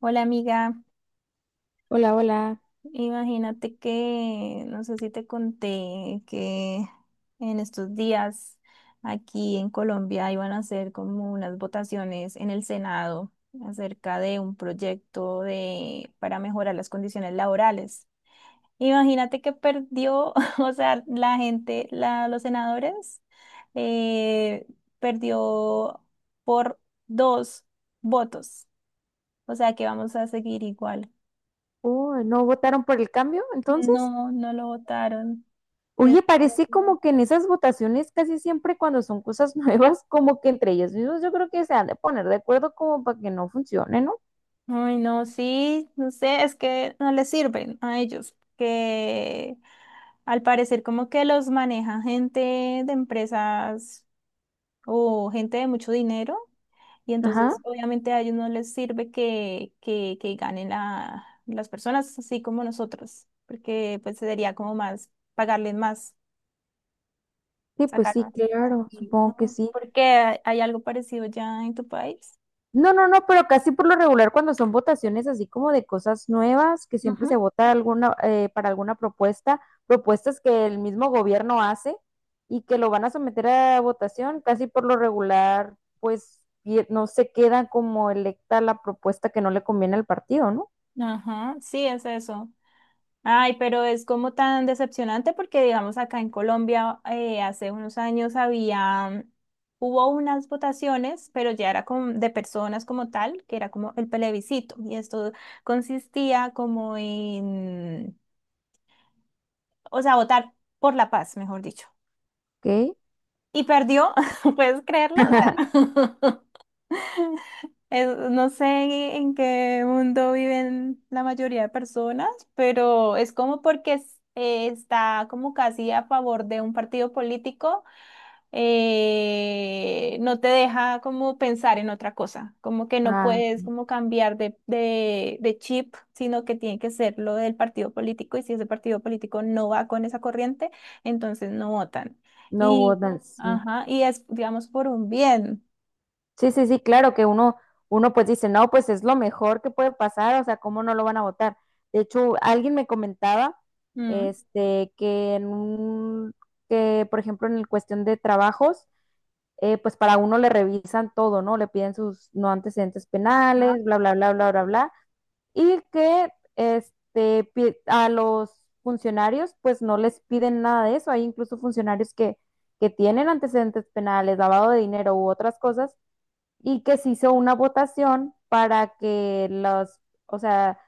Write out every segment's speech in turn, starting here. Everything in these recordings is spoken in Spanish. Hola amiga, Hola, hola. imagínate que, no sé si te conté que en estos días aquí en Colombia iban a hacer como unas votaciones en el Senado acerca de un proyecto para mejorar las condiciones laborales. Imagínate que perdió, o sea, la gente, la, los senadores, eh, perdió por dos votos. O sea que vamos a seguir igual. Oh, ¿no votaron por el cambio entonces? No, no lo votaron. y Oye, este parece como que en esas votaciones casi siempre cuando son cosas nuevas, como que entre ellos mismos yo creo que se han de poner de acuerdo como para que no funcione, ¿no? Ay, no, sí, no sé, es que no les sirven a ellos, que al parecer como que los maneja gente de empresas o gente de mucho dinero, y Ajá. entonces obviamente a ellos no les sirve que ganen las personas así como nosotros, porque pues sería como más, pagarles más, Sí, pues sacar sí, más. claro, Sí, supongo que no, sí. porque hay algo parecido ya en tu país. No, no, no, pero casi por lo regular cuando son votaciones así como de cosas nuevas, que siempre se vota alguna, para alguna propuesta, propuestas que el mismo gobierno hace y que lo van a someter a votación, casi por lo regular, pues no se queda como electa la propuesta que no le conviene al partido, ¿no? Ajá, sí, es eso. Ay, pero es como tan decepcionante porque, digamos, acá en Colombia hace unos años había, hubo unas votaciones, pero ya era de personas como tal, que era como el plebiscito, y esto consistía como en, o sea, votar por la paz, mejor dicho. Ok. Y perdió, ¿puedes creerlo? O sea, Es- no sé en qué mundo viven la mayoría de personas, pero es como porque es- está como casi a favor de un partido político, no te deja como pensar en otra cosa, como que no Ah, puedes como cambiar de chip, sino que tiene que ser lo del partido político y si ese partido político no va con esa corriente, entonces no votan. no Y, votan, sí. ajá, y es, digamos, por un bien. Sí, sí, sí, claro que uno, uno pues dice, no, pues es lo mejor que puede pasar, o sea, ¿cómo no lo van a votar? De hecho, alguien me comentaba, Mm. este, que por ejemplo en el cuestión de trabajos, pues para uno le revisan todo, ¿no? Le piden sus no antecedentes penales, bla, bla, bla, bla, bla, bla, y que, este, a los funcionarios, pues no les piden nada de eso, hay incluso funcionarios que tienen antecedentes penales, lavado de dinero u otras cosas y que se hizo una votación para que los, o sea,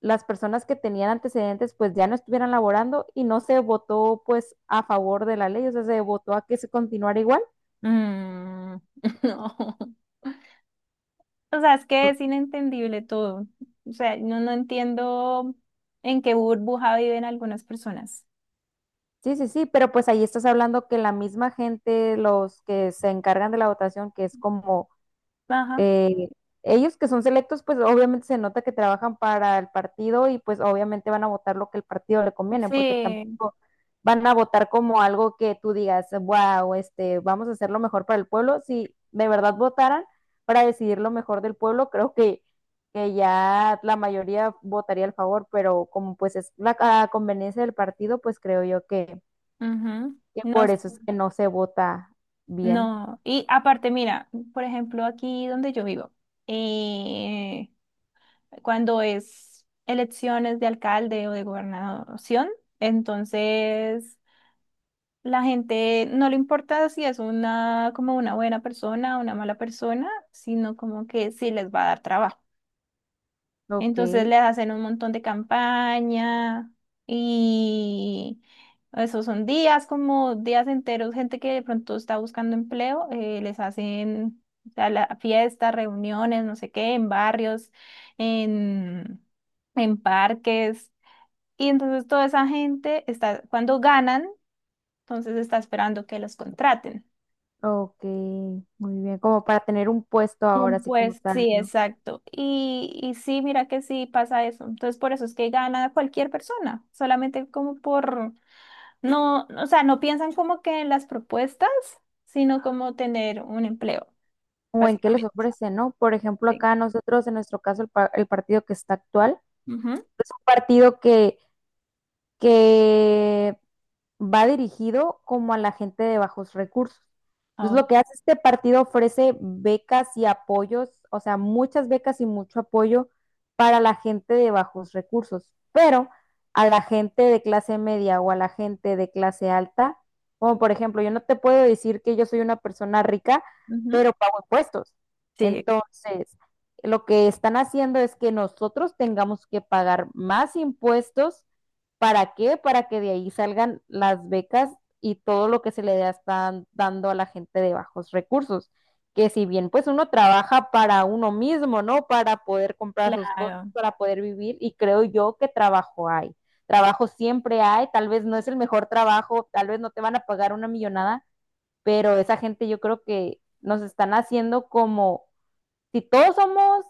las personas que tenían antecedentes pues ya no estuvieran laborando y no se votó pues a favor de la ley, o sea, se votó a que se continuara igual. Mm, no. O sea, es que es inentendible todo. O sea, no, no entiendo en qué burbuja viven algunas personas. Sí, sí, sí, pero pues ahí estás hablando que la misma gente, los que se encargan de la votación, que es como Ajá. eh, ellos que son selectos, pues obviamente se nota que trabajan para el partido y pues obviamente van a votar lo que el partido le conviene, porque Sí. tampoco van a votar como algo que tú digas, wow, este, vamos a hacer lo mejor para el pueblo. Si de verdad votaran para decidir lo mejor del pueblo, que ya la mayoría votaría al favor, pero como pues es la a conveniencia del partido, pues creo yo Ujú. que No, por s- eso es que no se vota bien. no. Y aparte, mira, por ejemplo, aquí donde yo vivo, eh, cuando es elecciones de alcalde o de gobernación, entonces la gente no le importa si es una como una buena persona o una mala persona, sino como que sí les va a dar trabajo. Ok. Entonces les hacen un montón de campaña y esos son días como días enteros, gente que de pronto está buscando empleo, les hacen o sea, la- fiestas, reuniones, no sé qué, en barrios, en, en parques. Y entonces toda esa gente está, cuando ganan, entonces está esperando que los contraten. Ok, muy bien, como para tener un puesto ahora, Mm, así como pues tal, sí, ¿no? exacto. Y sí, mira que sí pasa eso. Entonces, por eso es que gana cualquier persona, solamente como por, no, o sea, no piensan como que en las propuestas, sino como tener un empleo, O en qué les básicamente. ofrece, ¿no? Por ejemplo, Sí. acá nosotros, en nuestro caso, el partido que está actual, Ujú. es un partido que va dirigido como a la gente de bajos recursos. Entonces, Oh, lo que hace este partido ofrece becas y apoyos, o sea, muchas becas y mucho apoyo para la gente de bajos recursos, pero a la gente de clase media o a la gente de clase alta, como por ejemplo, yo no te puedo decir que yo soy una persona rica, ujú. pero pago impuestos. Sí. Entonces, lo que están haciendo es que nosotros tengamos que pagar más impuestos. ¿Para qué? Para que de ahí salgan las becas y todo lo que se le están dando a la gente de bajos recursos. Que si bien pues uno trabaja para uno mismo, ¿no? Para poder comprar sus cosas, Claro, para poder vivir y creo yo que trabajo hay. Trabajo siempre hay, tal vez no es el mejor trabajo, tal vez no te van a pagar una millonada, pero esa gente yo creo que nos están haciendo como si todos somos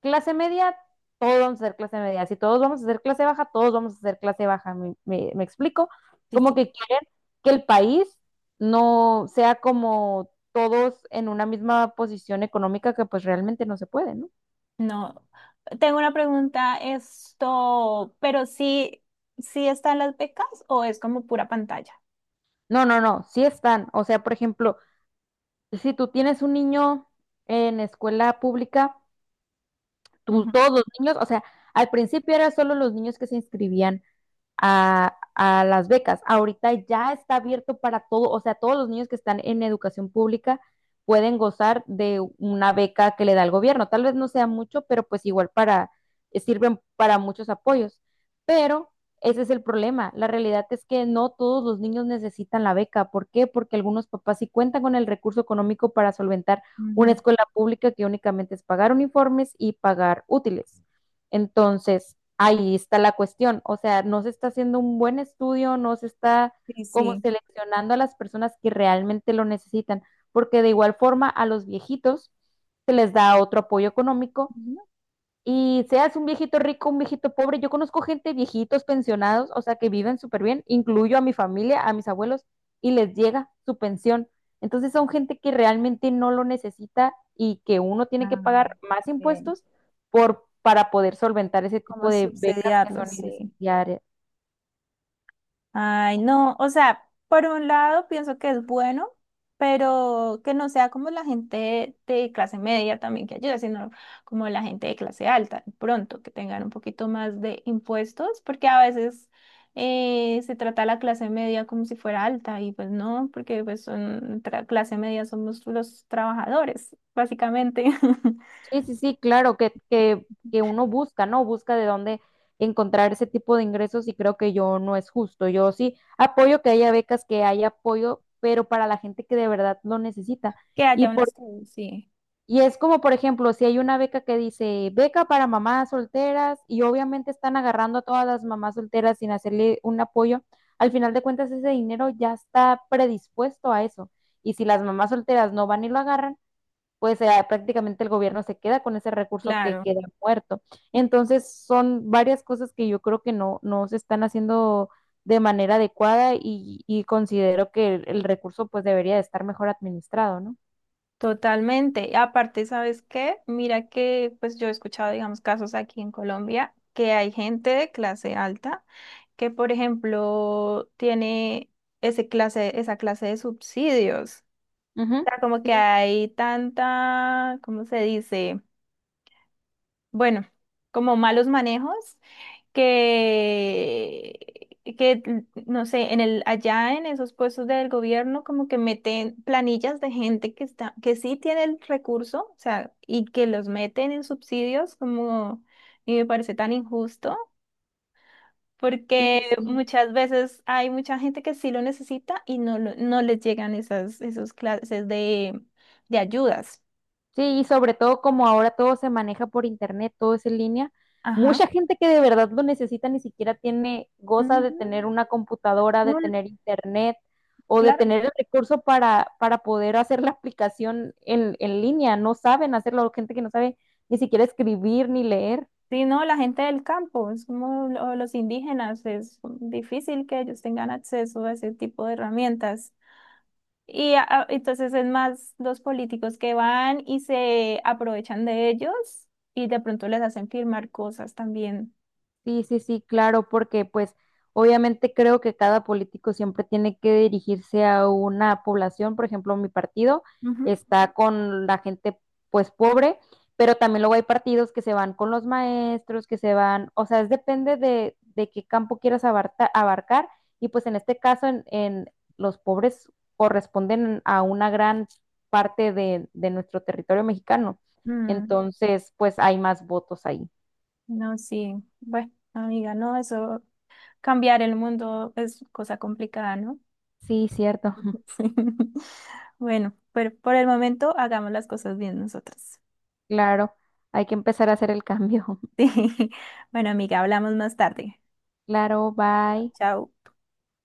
clase media, todos vamos a ser clase media. Si todos vamos a ser clase baja, todos vamos a ser clase baja. Me explico? sí, Como sí. que quieren que el país no sea como todos en una misma posición económica que pues realmente no se puede, ¿no? No, tengo una pregunta, esto, pero sí, ¿sí están las becas o es como pura pantalla? No, no, no, sí están. O sea, por ejemplo, si tú tienes un niño en escuela pública, tú, Ujú, todos los niños, o sea, al principio eran solo los niños que se inscribían a las becas. Ahorita ya está abierto para todo, o sea, todos los niños que están en educación pública pueden gozar de una beca que le da el gobierno. Tal vez no sea mucho, pero pues igual para, sirven para muchos apoyos. Pero ese es el problema. La realidad es que no todos los niños necesitan la beca. ¿Por qué? Porque algunos papás sí cuentan con el recurso económico para solventar ujú. una escuela pública que únicamente es pagar uniformes y pagar útiles. Entonces, ahí está la cuestión. O sea, no se está haciendo un buen estudio, no se está como Sí, seleccionando a las personas que realmente lo necesitan, porque de igual forma a los viejitos se les da otro apoyo económico sí. y seas un viejito rico, un viejito pobre, yo conozco gente, viejitos, pensionados, o sea, que viven súper bien, incluyo a mi familia, a mis abuelos, y les llega su pensión. Entonces son gente que realmente no lo necesita y que uno tiene que Ah, pagar más bien. impuestos para poder solventar ese ¿Cómo tipo de becas que subsidiarlo? son Sí. innecesarias. Ay, no, o sea, por un lado pienso que es bueno, pero que no sea como la gente de clase media también que ayuda, sino como la gente de clase alta, de pronto, que tengan un poquito más de impuestos, porque a veces se trata a la clase media como si fuera alta y pues no, porque pues son tra- clase media somos los trabajadores, básicamente, Sí, sí, sí, claro, que uno busca, ¿no? Busca de dónde encontrar ese tipo de ingresos y creo que yo no es justo. Yo sí apoyo que haya becas, que haya apoyo, pero para la gente que de verdad lo necesita. que Y, haya un por, estudio, sí, y es como, por ejemplo, si hay una beca que dice beca para mamás solteras y obviamente están agarrando a todas las mamás solteras sin hacerle un apoyo, al final de cuentas ese dinero ya está predispuesto a eso. Y si las mamás solteras no van y lo agarran, pues prácticamente el gobierno se queda con ese recurso que claro. queda muerto. Entonces son varias cosas que yo creo que no, no se están haciendo de manera adecuada y considero que el recurso pues debería de estar mejor administrado, ¿no? Totalmente. Y aparte, ¿sabes qué? Mira que pues yo he escuchado, digamos, casos aquí en Colombia que hay gente de clase alta que, por ejemplo, tiene ese clase, esa clase de subsidios. Ujú. O sea, como Sí, que hay tanta, ¿cómo se dice? Bueno, como malos manejos que, que, no sé, en el, allá en esos puestos del gobierno, como que meten planillas de gente que está, que sí tiene el recurso, o sea, y que los meten en subsidios, como, y me parece tan injusto, sí, porque sí, sí. muchas veces hay mucha gente que sí lo necesita y no, lo- no les llegan esas, esas clases de ayudas. Sí, y sobre todo como ahora todo se maneja por internet, todo es en línea, Ajá. mucha gente que de verdad lo necesita ni siquiera tiene, goza de Ujú. tener una computadora, de No, tener internet o de claro. tener el recurso para poder hacer la aplicación en línea. No saben hacerlo, gente que no sabe ni siquiera escribir ni leer. Sí, no, la gente del campo, es como lo- los indígenas, es difícil que ellos tengan acceso a ese tipo de herramientas. Y a- entonces es más los políticos que van y se aprovechan de ellos y de pronto les hacen firmar cosas también. Sí, sí, sí, claro, porque pues obviamente creo que cada político siempre tiene que dirigirse a una población, por ejemplo, mi partido Ujú. está con la gente pues pobre, pero también luego hay partidos que se van con los maestros, que se van, o sea, es depende de qué campo quieras abarcar y pues en este caso en los pobres corresponden a una gran parte de nuestro territorio mexicano, Mm, entonces pues hay más votos ahí. no, sí. Bueno, amiga, no, eso, cambiar el mundo es cosa complicada, ¿no? Sí, cierto. Sí. Bueno, pero por el momento hagamos las cosas bien nosotros. Claro, hay que empezar a hacer el cambio. Sí. Bueno, amiga, hablamos más tarde. Claro, Bueno, bye. chao.